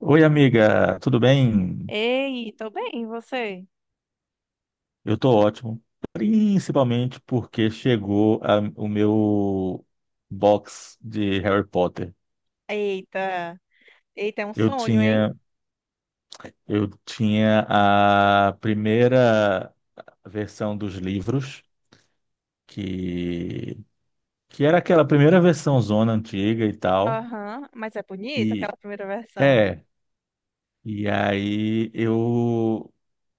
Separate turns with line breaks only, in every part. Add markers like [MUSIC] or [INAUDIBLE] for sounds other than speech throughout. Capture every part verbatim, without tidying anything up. Oi, amiga, tudo bem?
Ei, tô bem, e você?
Eu tô ótimo, principalmente porque chegou a- o meu box de Harry Potter.
Eita, eita, é um
Eu
sonho, hein?
tinha, eu tinha a primeira versão dos livros, que, que era aquela primeira versão zona antiga e tal.
Aham, mas é bonita
E
aquela primeira versão.
é, e aí eu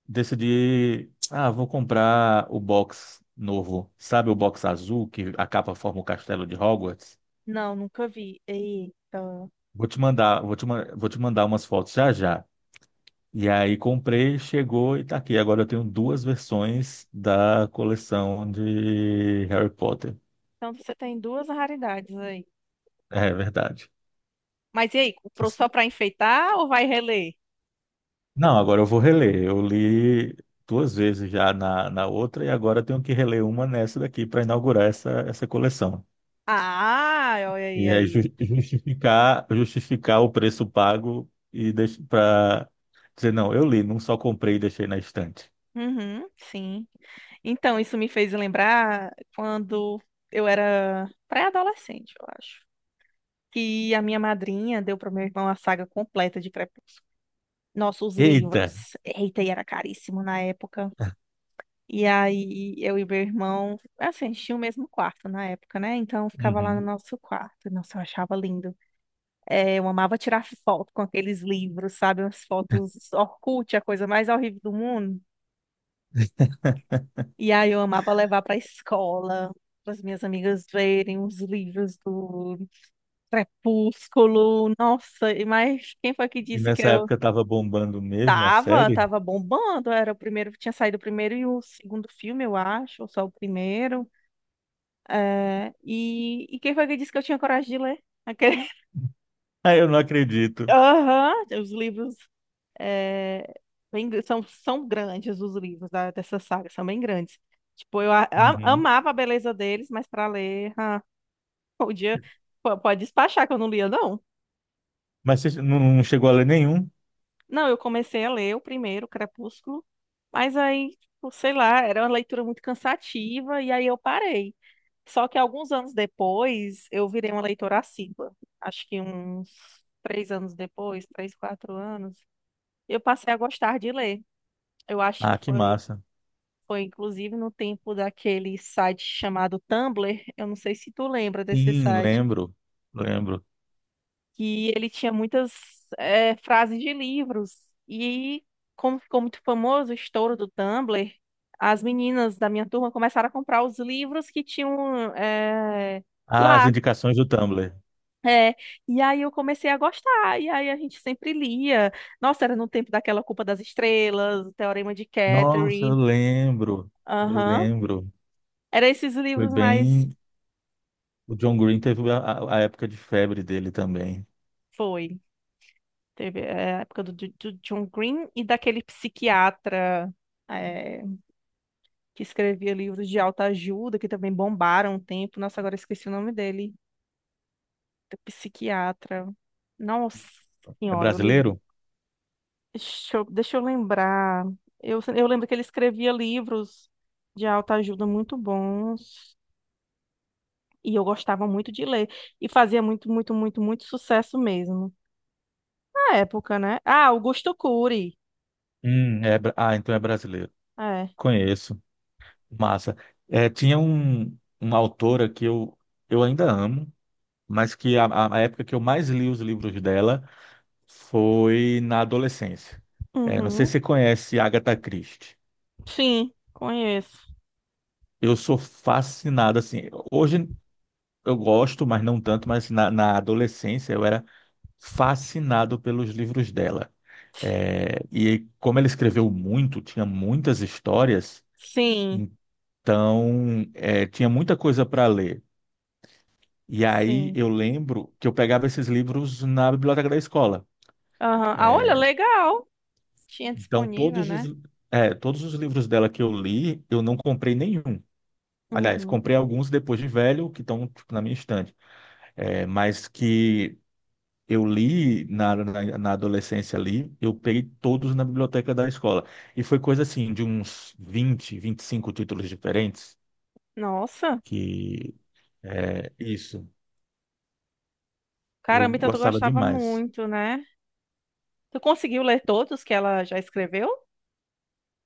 decidi, ah, vou comprar o box novo, sabe o box azul que a capa forma o castelo de Hogwarts?
Não, nunca vi. Eita.
Vou te mandar, vou te, ma- vou te mandar umas fotos já já. E aí comprei, chegou e tá aqui. Agora eu tenho duas versões da coleção de Harry Potter.
Então você tem duas raridades aí.
É verdade.
Mas e aí, comprou só pra enfeitar ou vai reler?
Não, agora eu vou reler. Eu li duas vezes já na, na outra e agora eu tenho que reler uma nessa daqui para inaugurar essa, essa coleção.
Ah, olha aí,
E é ju-
aí.
justificar, justificar o preço pago e para dizer, não, eu li, não só comprei e deixei na estante.
Uhum, sim. Então, isso me fez lembrar quando eu era pré-adolescente, eu acho. Que a minha madrinha deu para meu irmão a saga completa de Crepúsculo. Nossa, os
Eita!
livros. Eita, e era caríssimo na época. E aí, eu e meu irmão, assim, a gente tinha o mesmo quarto na época, né? Então, ficava lá no
Uhum.
nosso quarto. Nossa, eu achava lindo. É, eu amava tirar foto com aqueles livros, sabe? As fotos Orkut, a coisa mais horrível do mundo.
[LAUGHS]
E aí eu amava levar para a escola, para as minhas amigas verem os livros do Crepúsculo. Nossa, e mas quem foi que
E
disse que
nessa
eu
época estava bombando mesmo a
tava,
série?
tava bombando? Era o primeiro, tinha saído o primeiro e o segundo filme, eu acho, ou só o primeiro. É, e, e quem foi que disse que eu tinha coragem de ler? Aquele...
Ah, eu não
[LAUGHS]
acredito.
Aham, os livros é, bem gr- são, são grandes os livros da, dessa saga, são bem grandes. Tipo, eu a- a-
Uhum.
amava a beleza deles, mas para ler. ah, [LAUGHS] Podia, po- pode despachar que eu não lia, não.
Mas você não não chegou a ler nenhum?
Não, eu comecei a ler o primeiro, Crepúsculo, mas aí, tipo, sei lá, era uma leitura muito cansativa e aí eu parei. Só que alguns anos depois, eu virei uma leitora assídua. Acho que uns três anos depois, três, quatro anos, eu passei a gostar de ler. Eu acho que
Ah, que
foi,
massa.
foi inclusive no tempo daquele site chamado Tumblr. Eu não sei se tu lembra desse
Sim,
site
lembro. Lembro.
que ele tinha muitas eh, frases de livros. E como ficou muito famoso o estouro do Tumblr, as meninas da minha turma começaram a comprar os livros que tinham eh,
Ah, as
lá.
indicações do Tumblr.
É, e aí eu comecei a gostar, e aí a gente sempre lia. Nossa, era no tempo daquela Culpa das Estrelas, o Teorema de
Nossa, eu
Catherine.
lembro. Eu
Aham.
lembro.
Era esses
Foi
livros mais.
bem. O John Green teve a, a a época de febre dele também.
Foi. Teve é, a época do, do- do John Green e daquele psiquiatra. eh, que escrevia livros de autoajuda, que também bombaram um tempo. Nossa, agora esqueci o nome dele, do psiquiatra. Nossa
É
senhora, eu li.
brasileiro?
Deixa eu, deixa eu lembrar. Eu, eu lembro que ele escrevia livros de autoajuda muito bons. E eu gostava muito de ler. E fazia muito, muito, muito, muito sucesso mesmo. Na época, né? Ah, Augusto Cury.
Hum, é, bra- ah, então é brasileiro.
É.
Conheço. Massa. É, tinha um, uma autora que eu, eu ainda amo, mas que a, a a época que eu mais li os livros dela foi na adolescência. É, não sei
Uhum.
se você conhece Agatha Christie.
Sim, conheço.
Eu sou fascinado, assim. Hoje eu gosto, mas não tanto, mas na, na adolescência eu era fascinado pelos livros dela. É, e como ela escreveu muito, tinha muitas histórias.
Sim,
Então, é, tinha muita coisa para ler. E aí
sim.
eu lembro que eu pegava esses livros na biblioteca da escola.
Aham. Ah, olha, legal. Tinha
Então,
disponível,
todos
né?
os, é, todos os livros dela que eu li, eu não comprei nenhum. Aliás,
Uhum.
comprei alguns depois de velho, que estão, tipo, na minha estante. É, mas que eu li na, na, na adolescência ali, eu peguei todos na biblioteca da escola. E foi coisa assim, de uns vinte, vinte e cinco títulos diferentes,
Nossa,
que é isso. Eu
caramba, então tu
gostava
gostava
demais.
muito, né? Tu conseguiu ler todos que ela já escreveu?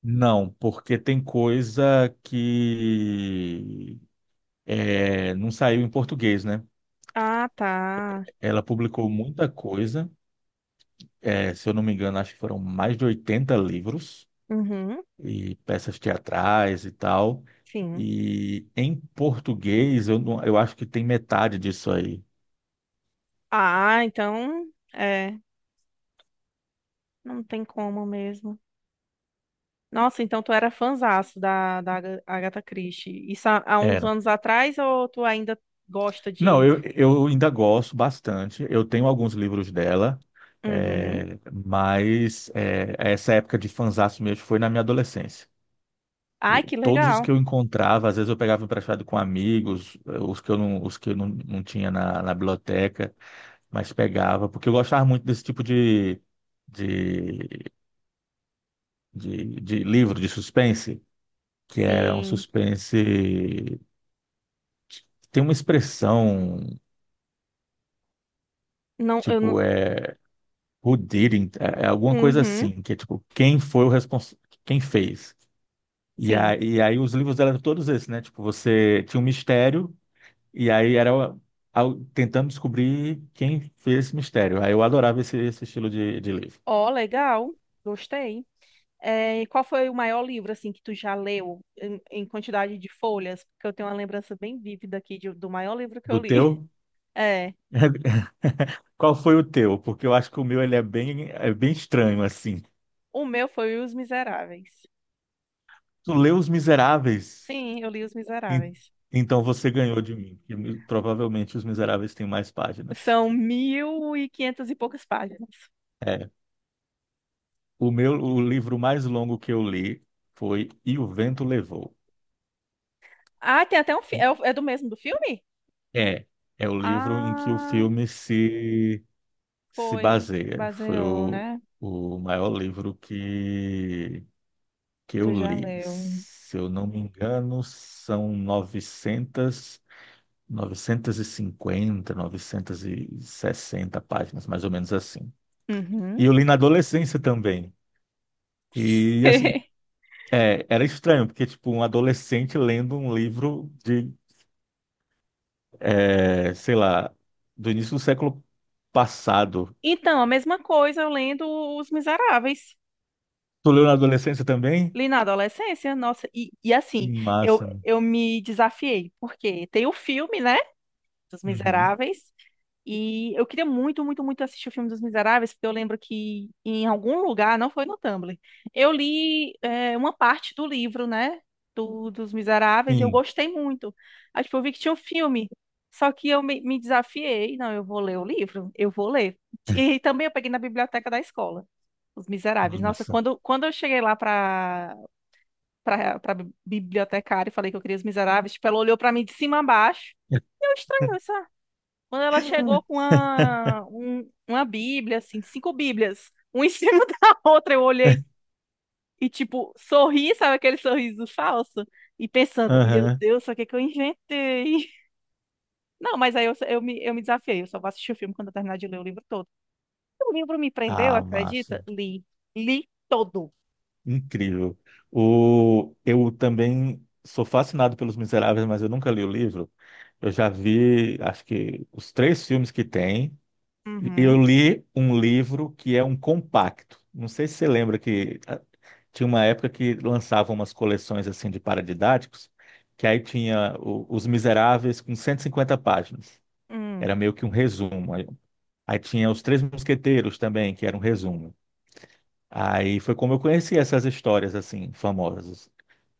Não, porque tem coisa que é, não saiu em português, né?
Ah, tá.
Ela publicou muita coisa, é, se eu não me engano, acho que foram mais de oitenta livros
Uhum,
e peças teatrais e tal.
sim.
E em português, eu, não- eu acho que tem metade disso aí.
Ah, então, é, não tem como mesmo. Nossa, então tu era fanzaço da, da Aga- Agatha Christie. Isso há, há uns
Era.
anos atrás ou tu ainda gosta
Não,
de...
eu, eu ainda gosto bastante. Eu tenho alguns livros dela,
Uhum.
é, mas é, essa época de fanzaço mesmo foi na minha adolescência.
Ai,
Eu-
que
Todos os
legal.
que eu encontrava, às vezes eu pegava emprestado com amigos, eh, os que eu não, os que eu não, não tinha na, na biblioteca, mas pegava, porque eu gostava muito desse tipo de, de, de, de livro, de suspense, que era um
Sim.
suspense. Tem uma expressão,
Não, eu não...
tipo, é who did it, é é alguma coisa
Uhum,
assim, que é tipo, quem foi o responsável, quem fez. E
sim.
aí, e aí os livros eram todos esses, né? Tipo, você tinha um mistério. E aí era o- ao- tentando descobrir quem fez esse mistério. Aí eu adorava esse, esse estilo de, de livro.
Ó, legal. Gostei. É, e qual foi o maior livro assim que tu já leu em, em quantidade de folhas? Porque eu tenho uma lembrança bem vívida aqui de- do maior livro que
Do
eu li. [LAUGHS]
teu?
É,
[LAUGHS] Qual foi o teu? Porque eu acho que o meu ele é bem, é bem estranho, assim.
o meu foi Os Miseráveis.
Tu leu Os Miseráveis?
Sim, eu li Os
En-
Miseráveis.
Então você ganhou de mim, que provavelmente Os Miseráveis tem mais páginas.
São mil e quinhentas e poucas páginas.
É. O meu, o livro mais longo que eu li foi E o Vento Levou.
Ah, tem até um fi- é, o- é do mesmo do filme?
É, é o livro em que o
Ah,
filme se se
foi
baseia. Foi
baseou,
o,
né?
o maior livro que, que eu
Tu já
li.
leu?
Se eu não me engano, são novecentas novecentas e cinquenta novecentas e sessenta páginas, mais ou menos assim. E
Uhum.
eu li na adolescência também. E
[LAUGHS]
assim, é, era estranho, porque tipo, um adolescente lendo um livro de, é, sei lá, do início do século passado.
Então, a mesma coisa eu lendo Os Miseráveis.
Tu leu na adolescência também?
Li na adolescência, nossa, e, e
Que
assim, eu,
massa.
eu me desafiei, porque tem o filme, né, dos
Uhum.
Miseráveis, e eu queria muito, muito, muito assistir o filme dos Miseráveis, porque eu lembro que em algum lugar, não foi no Tumblr, eu li é, uma parte do livro, né, do, dos Miseráveis, e eu
Sim.
gostei muito. Aí, tipo, eu vi que tinha um filme, só que eu me, me desafiei, não, eu vou ler o livro, eu vou ler. E, também eu peguei na biblioteca da escola, Os Miseráveis. Nossa,
Massa.
quando, quando eu cheguei lá para pra, pra bibliotecária e falei que eu queria Os Miseráveis. Tipo, ela olhou pra mim de cima a baixo. E eu estranhei, sabe? Quando ela chegou com
[LAUGHS]
uma, um- uma Bíblia, assim, de cinco Bíblias, uma em [LAUGHS] cima da outra, eu olhei e, tipo, sorri, sabe aquele sorriso falso? E pensando, meu
Aham.
Deus, o que é que eu inventei? [LAUGHS] Não, mas aí eu, eu me, eu me desafiei, eu só vou assistir o filme quando eu terminar de ler o livro todo. O livro me prendeu,
Ah, massa.
acredita? Li. Li todo.
Incrível. O... Eu também sou fascinado pelos Miseráveis, mas eu nunca li o livro. Eu já vi, acho que, os três filmes que tem. Eu
Uhum.
li um livro que é um compacto. Não sei se você lembra que ah, tinha uma época que lançavam umas coleções assim de paradidáticos, que aí tinha o- Os Miseráveis com cento e cinquenta páginas. Era
Hum.
meio que um resumo. Aí tinha Os Três Mosqueteiros também, que era um resumo. Aí foi como eu conheci essas histórias assim famosas,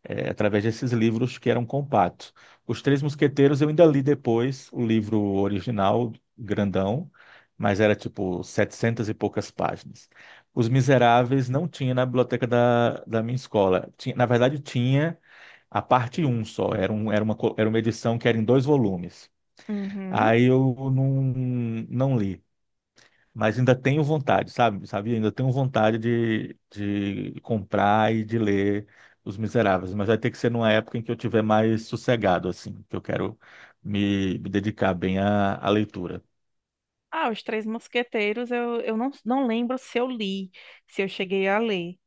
é, através desses livros que eram compactos. Os Três Mosqueteiros eu ainda li depois o livro original, grandão, mas era tipo setecentas e poucas páginas. Os Miseráveis não tinha na biblioteca da, da minha escola. Tinha, na verdade, tinha a parte um só, era, um, era, uma, co- era uma edição que era em dois volumes.
Uhum.
Aí eu não, não li. Mas ainda tenho vontade, sabe? Sabe? Ainda tenho vontade de, de comprar e de ler Os Miseráveis, mas vai ter que ser numa época em que eu tiver mais sossegado, assim, que eu quero me, me dedicar bem à, à leitura.
Ah, Os Três Mosqueteiros, eu, eu não, não lembro se eu li, se eu cheguei a ler.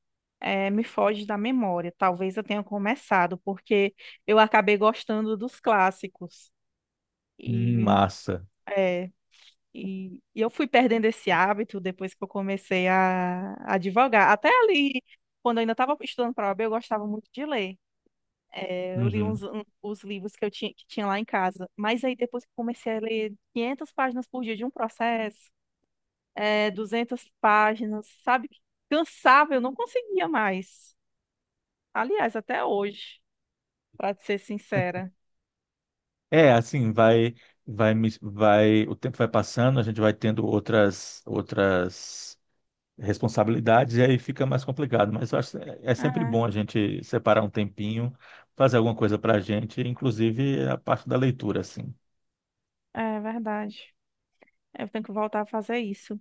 É, me foge da memória. Talvez eu tenha começado, porque eu acabei gostando dos clássicos.
Hum,
E,
massa.
é, e, e eu fui perdendo esse hábito depois que eu comecei a, a advogar. Até ali, quando eu ainda estava estudando para a O A B, eu gostava muito de ler. É, eu li uns,
Uhum.
um- os livros que eu tinha, que tinha lá em casa. Mas aí depois que eu comecei a ler quinhentas páginas por dia de um processo, é, duzentas páginas, sabe? Cansava, eu não conseguia mais. Aliás, até hoje, para ser sincera.
É, assim, vai, vai, me- vai, o tempo vai passando, a gente vai tendo outras, outras responsabilidades e aí fica mais complicado. Mas eu acho que é é sempre
Ah,
bom a gente separar um tempinho, fazer alguma coisa para a gente, inclusive a parte da leitura, assim.
é é verdade. Eu tenho que voltar a fazer isso.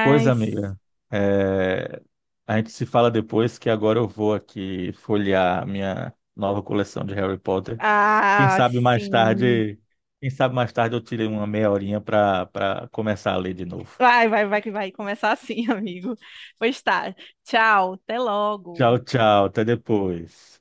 Pois, amiga, é, a gente se fala depois que agora eu vou aqui folhear minha nova coleção de Harry Potter. Quem
ah,
sabe mais
sim.
tarde, quem sabe mais tarde eu tirei uma meia horinha para para começar a ler de novo.
Vai, vai, vai que vai começar assim, [LAUGHS] amigo. Pois tá. Tchau, até logo.
Tchau, tchau, até depois.